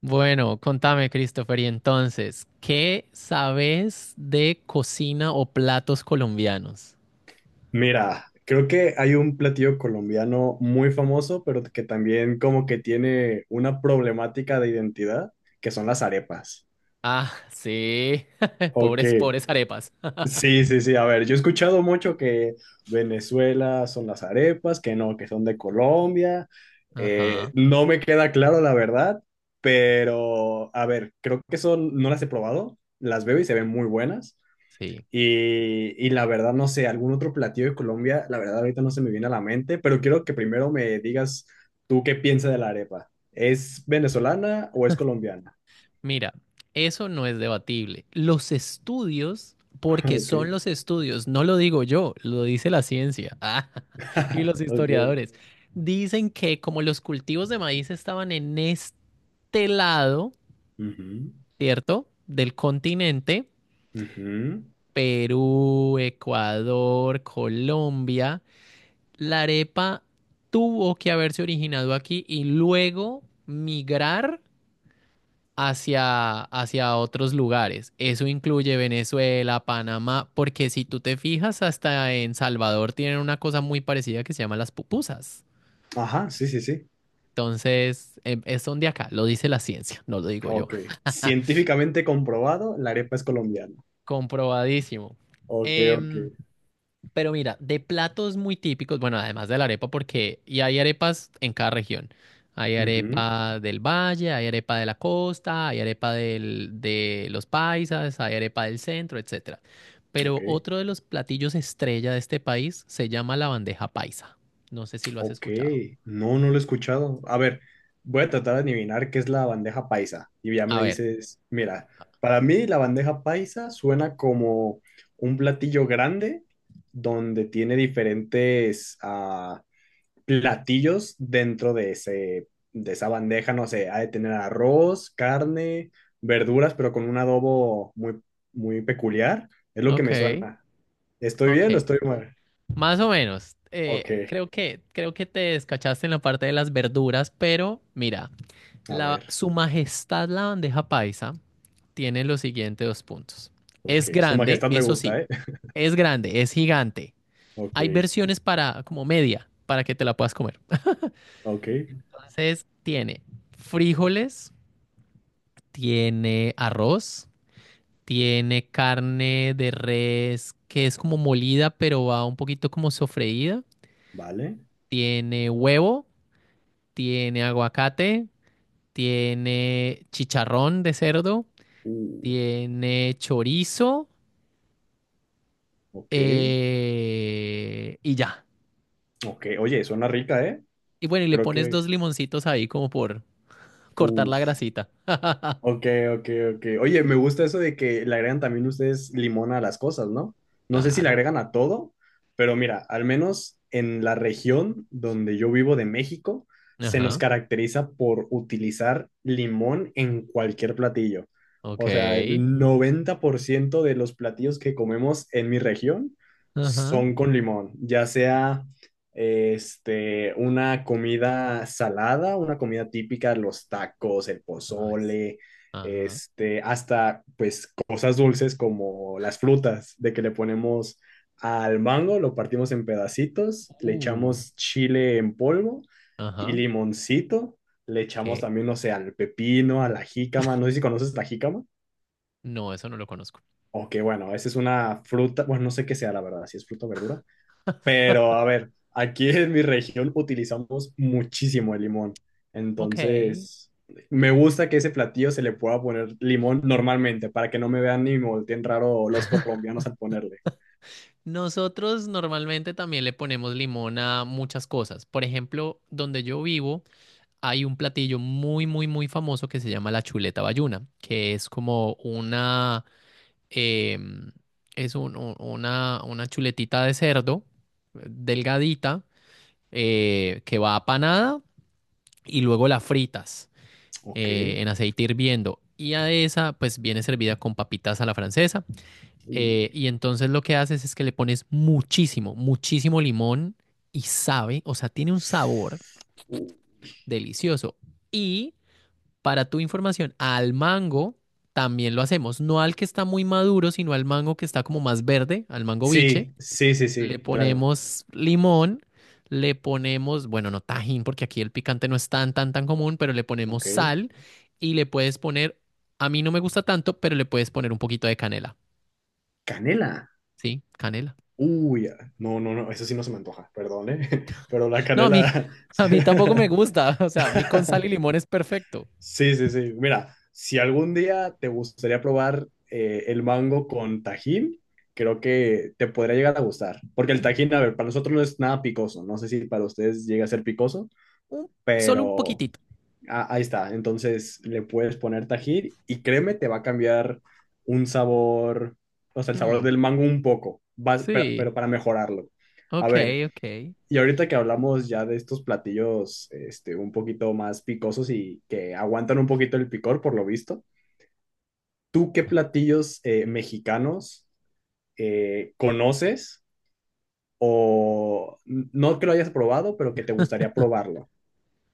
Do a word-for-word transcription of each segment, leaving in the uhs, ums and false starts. Bueno, contame, Christopher, y entonces, ¿qué sabes de cocina o platos colombianos? Mira, creo que hay un platillo colombiano muy famoso, pero que también como que tiene una problemática de identidad, que son las arepas. Ah, sí, Ok, pobres, pobres arepas. sí, sí, sí, a ver, yo he escuchado mucho que Venezuela son las arepas, que no, que son de Colombia. Eh, Ajá, No me queda claro la verdad, pero a ver, creo que son, no las he probado, las veo y se ven muy buenas. sí. Y, y la verdad, no sé, algún otro platillo de Colombia, la verdad ahorita no se me viene a la mente, pero quiero que primero me digas tú qué piensas de la arepa. ¿Es venezolana o es colombiana? Mira, eso no es debatible. Los estudios, porque Ok. son los estudios, no lo digo yo, lo dice la ciencia, ah, y los Ok. historiadores dicen que como los cultivos de maíz estaban en este lado, Ujú, ¿cierto? Del continente. ujú. Perú, Ecuador, Colombia. La arepa tuvo que haberse originado aquí y luego migrar hacia, hacia otros lugares. Eso incluye Venezuela, Panamá, porque si tú te fijas, hasta en Salvador tienen una cosa muy parecida que se llama las pupusas. Ajá, sí, sí, sí. Entonces, em, es son de acá, lo dice la ciencia, no lo digo yo. Ok. Científicamente comprobado, la arepa es colombiana. Comprobadísimo. Ok, ok. Em, Pero mira, de platos muy típicos, bueno, además de la arepa, porque y hay arepas en cada región. Hay Ujú, arepa del valle, hay arepa de la costa, hay arepa del- de los paisas, hay arepa del centro, etcétera. ok. Pero otro de los platillos estrella de este país se llama la bandeja paisa. No sé si lo has Ok, escuchado. no, no lo he escuchado. A ver, voy a tratar de adivinar qué es la bandeja paisa. Y ya me A ver, dices, mira, para mí la bandeja paisa suena como un platillo grande donde tiene diferentes ah, platillos dentro de ese, de esa bandeja. No sé, ha de tener arroz, carne, verduras, pero con un adobo muy, muy peculiar. Es lo que ok, me suena. ¿Estoy ok. bien o estoy mal? Más o menos. Ok, Eh, creo que, creo que te descachaste en la parte de las verduras, pero mira, a la, ver. Su Majestad la bandeja paisa tiene los siguientes dos puntos. Es Ok, su grande, majestad me eso gusta, sí, ¿eh? es grande, es gigante. Ok, Hay versiones para como media, para que te la puedas comer. ok, Entonces, tiene frijoles, tiene arroz, tiene carne de res que es como molida, pero va un poquito como sofreída, vale. tiene huevo, tiene aguacate, tiene chicharrón de cerdo, Uh, tiene chorizo, ok, eh, y ya. ok. Oye, suena rica, ¿eh? Y bueno, y le Creo pones que... dos limoncitos ahí como por cortar la Uf. grasita. Ok, ok, ok. Oye, me gusta eso de que le agregan también ustedes limón a las cosas, ¿no? No sé si le Claro. agregan a todo, pero mira, al menos en la región donde yo vivo de México, se nos Ajá. caracteriza por utilizar limón en cualquier platillo. Ok. O sea, el noventa por ciento de los platillos que comemos en mi región Ajá. son con limón, ya sea este, una comida salada, una comida típica, los tacos, el Ay, s- pozole ajá. este, hasta pues cosas dulces como las frutas, de que le ponemos al mango, lo partimos en pedacitos, le Uh. echamos chile en polvo y Ajá. limoncito, le echamos Que también, no sé, al pepino, a la jícama, no sé si conoces la jícama, no, eso no lo conozco. o que bueno, esa es una fruta, bueno, no sé qué sea la verdad, si es fruta o verdura, pero a ver, aquí en mi región utilizamos muchísimo el limón. Ok. Entonces, me gusta que ese platillo se le pueda poner limón normalmente, para que no me vean ni me volteen raro los colombianos al ponerle. Nosotros normalmente también le ponemos limón a muchas cosas. Por ejemplo, donde yo vivo hay un platillo muy, muy, muy famoso que se llama la chuleta bayuna, que es como una, em, es un- un- una, una chuletita de cerdo, eh, delgadita, eh, que va apanada y luego la fritas, eh, Ok. en aceite hirviendo. Y a esa pues viene servida con papitas a la francesa. eh, Mm. y entonces lo que haces es que le pones muchísimo, muchísimo limón y sabe, o sea, tiene un sabor Uh, delicioso. Y para tu información, al mango también lo hacemos. No al que está muy maduro, sino al mango que está como más verde, al mango biche. sí, sí, sí, Le sí, claro. ponemos limón, le ponemos, bueno, no tajín, porque aquí el picante no es tan, tan, tan común, pero le ponemos Ok. sal y le puedes poner, a mí no me gusta tanto, pero le puedes poner un poquito de canela. Canela. ¿Sí? Canela. Uy, ah, no, no, no, eso sí no se me antoja, perdón, ¿eh? Pero la No, a mí, canela. a mí tampoco me gusta. O sea, a mí con sal y limón es perfecto. Sí, sí, sí. Mira, si algún día te gustaría probar eh, el mango con tajín, creo que te podría llegar a gustar. Porque el tajín, a ver, para nosotros no es nada picoso. No sé si para ustedes llega a ser picoso, Un- Solo un pero poquitito. a- ahí está. Entonces le puedes poner tajín y créeme, te va a cambiar un sabor, o sea, el sabor Mm, del mango un poco, vas- pero, sí, pero para mejorarlo. A ok, ver, ok. y ahorita que hablamos ya de estos platillos este, un poquito más picosos y que aguantan un poquito el picor, por lo visto, ¿tú qué platillos eh, mexicanos eh, conoces o no que lo hayas probado, pero que te gustaría probarlo?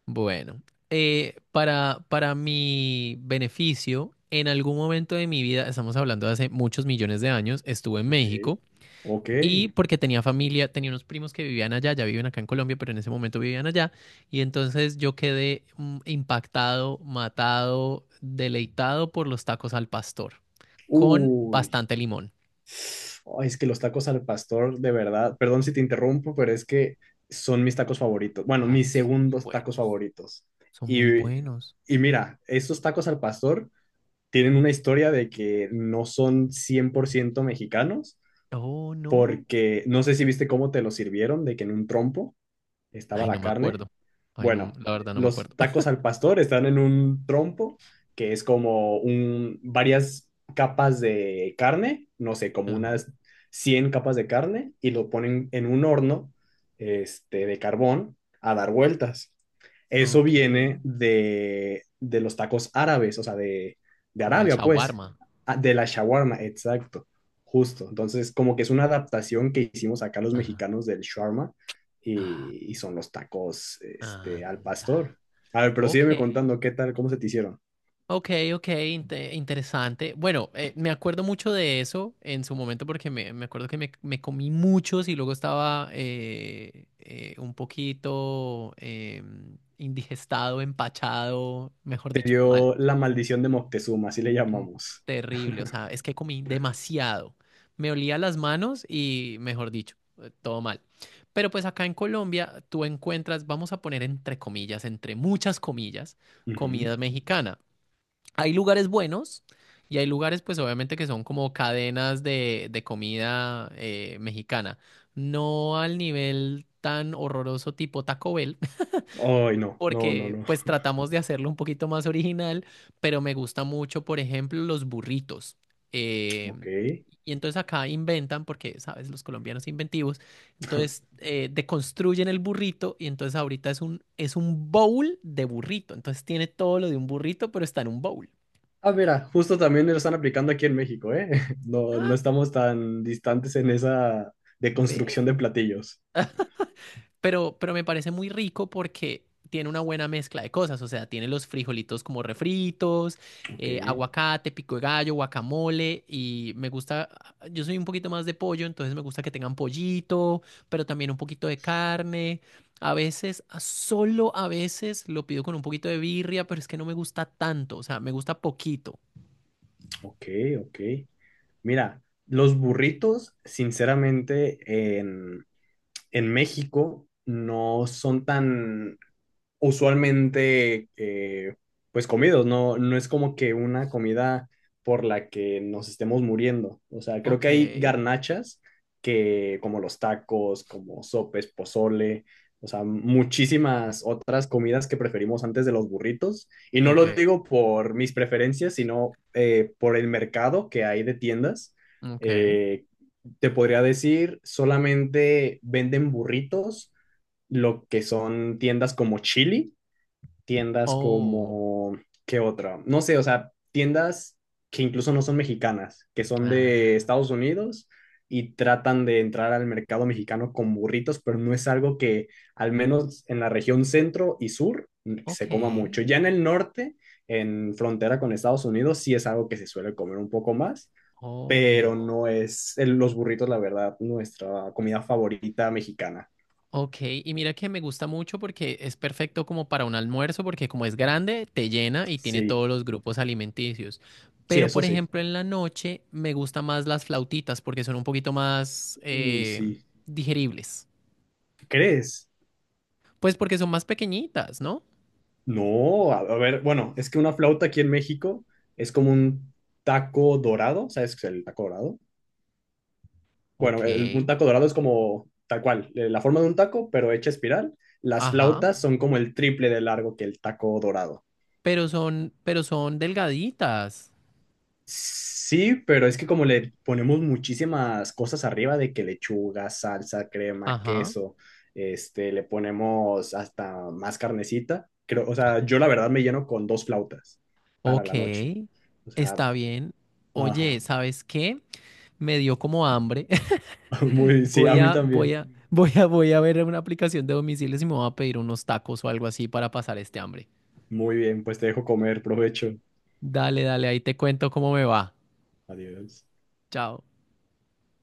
Bueno, eh, para, para mi beneficio, en algún momento de mi vida, estamos hablando de hace muchos millones de años, estuve en Ok. México Ok. y porque tenía familia, tenía unos primos que vivían allá, ya viven acá en Colombia, pero en ese momento vivían allá, y entonces yo quedé mm, impactado, matado, deleitado por los tacos al pastor, con Uy. bastante limón. Ay, es que los tacos al pastor, de verdad, perdón si te interrumpo, pero es que son mis tacos favoritos. Bueno, Ay, mis son muy segundos tacos buenos. favoritos. Son muy Y, buenos. y mira, estos tacos al pastor tienen una historia de que no son cien por ciento mexicanos, Oh, no. porque no sé si viste cómo te lo sirvieron, de que en un trompo estaba Ay, no la me carne acuerdo. Ay, no, bueno, la verdad no me los acuerdo. tacos al pastor están en un trompo que es como un, varias capas de carne, no sé, como Ajá. unas cien capas de carne y lo ponen en un horno este, de carbón a dar vueltas. Eso Ok, viene de, de los tacos árabes, o sea, de, de como el Arabia, pues, shawarma. ah, de la shawarma, exacto, justo. Entonces, como que es una adaptación que hicimos acá los Ah, mexicanos del shawarma ah, y, y son los tacos este, al anda. pastor. A ver, pero Ok, sígueme contando qué tal, cómo se te hicieron. ok, ok, inte- interesante. Bueno, eh, me acuerdo mucho de eso en su momento porque me, me acuerdo que me, me comí muchos y luego estaba eh, eh, un poquito em, indigestado, empachado, mejor Te dicho, mal. dio la maldición de Moctezuma, así le Mm, llamamos. terrible, o sea, es que comí demasiado. Me olía las manos y, mejor dicho, eh, todo mal. Pero pues acá en Colombia tú encuentras, vamos a poner entre comillas, entre muchas comillas, Ujú. comida mexicana. Hay lugares buenos y hay lugares pues obviamente que son como cadenas de, de comida eh, mexicana. No al nivel tan horroroso tipo Taco Bell, Ay, no, no, no, porque no. pues tratamos de hacerlo un poquito más original, pero me gusta mucho, por ejemplo, los burritos. Eh, Ok. y entonces acá inventan, porque, sabes, los colombianos inventivos, entonces eh, deconstruyen el burrito y entonces ahorita es un, es un bowl de burrito. Entonces tiene todo lo de un burrito, pero está en un bowl. Ah, mira, justo también lo están aplicando aquí en México, ¿eh? No, no Ah, estamos tan distantes en esa de ¿ves? construcción de platillos. Pero, pero me parece muy rico porque tiene una buena mezcla de cosas, o sea, tiene los frijolitos como refritos, Ok, eh, aguacate, pico de gallo, guacamole, y me gusta, yo soy un poquito más de pollo, entonces me gusta que tengan pollito, pero también un poquito de carne. A veces, a- solo a veces lo pido con un poquito de birria, pero es que no me gusta tanto, o sea, me gusta poquito. ok, ok. Mira, los burritos, sinceramente, en, en México no son tan usualmente eh, pues comidos, no, no es como que una comida por la que nos estemos muriendo. O sea, creo Ok, que hay garnachas que como los tacos, como sopes, pozole, o sea, muchísimas otras comidas que preferimos antes de los burritos. Y no ok, lo digo por mis preferencias, sino eh, por el mercado que hay de tiendas. ok. Eh, Te podría decir, solamente venden burritos lo que son tiendas como Chili tiendas Oh, como, ¿qué otra? No sé, o sea, tiendas que incluso no son mexicanas, que son de ah, Estados Unidos y tratan de entrar al mercado mexicano con burritos, pero no es algo que al menos en la región centro y sur ok, se coma mucho. Ya en el norte, en frontera con Estados Unidos, sí es algo que se suele comer un poco más, pero obvio. no es el- los burritos, la verdad, nuestra comida favorita mexicana. Ok, y mira que me gusta mucho porque es perfecto como para un almuerzo, porque como es grande, te llena y tiene Sí, todos los grupos alimenticios. sí, Pero, eso por sí. ejemplo, en la noche me gustan más las flautitas porque son un poquito más Uy, eh, sí. digeribles. ¿Crees? Pues porque son más pequeñitas, ¿no? No, a, a ver, bueno, es que una flauta aquí en México es como un taco dorado, ¿sabes qué es el taco dorado? Bueno, Ok, el- un taco dorado es como tal cual, eh, la forma de un taco, pero hecha espiral. Las ajá. flautas son como el triple de largo que el taco dorado. Pero son, pero son delgaditas. Sí, pero es que como le ponemos muchísimas cosas arriba de que lechuga, salsa, crema, Ajá. queso, este, le ponemos hasta más carnecita. Creo, o sea, yo la verdad me lleno con dos flautas para Ok, la noche. O sea, está bien. Oye, ajá. ¿sabes qué? Me dio como hambre. Muy, sí, a Voy mí a, voy también. a, Mm. voy a, voy a ver una aplicación de domicilios y me voy a pedir unos tacos o algo así para pasar este hambre. Muy bien, pues te dejo comer, provecho. Dale, dale, ahí te cuento cómo me va. Adiós. Chao.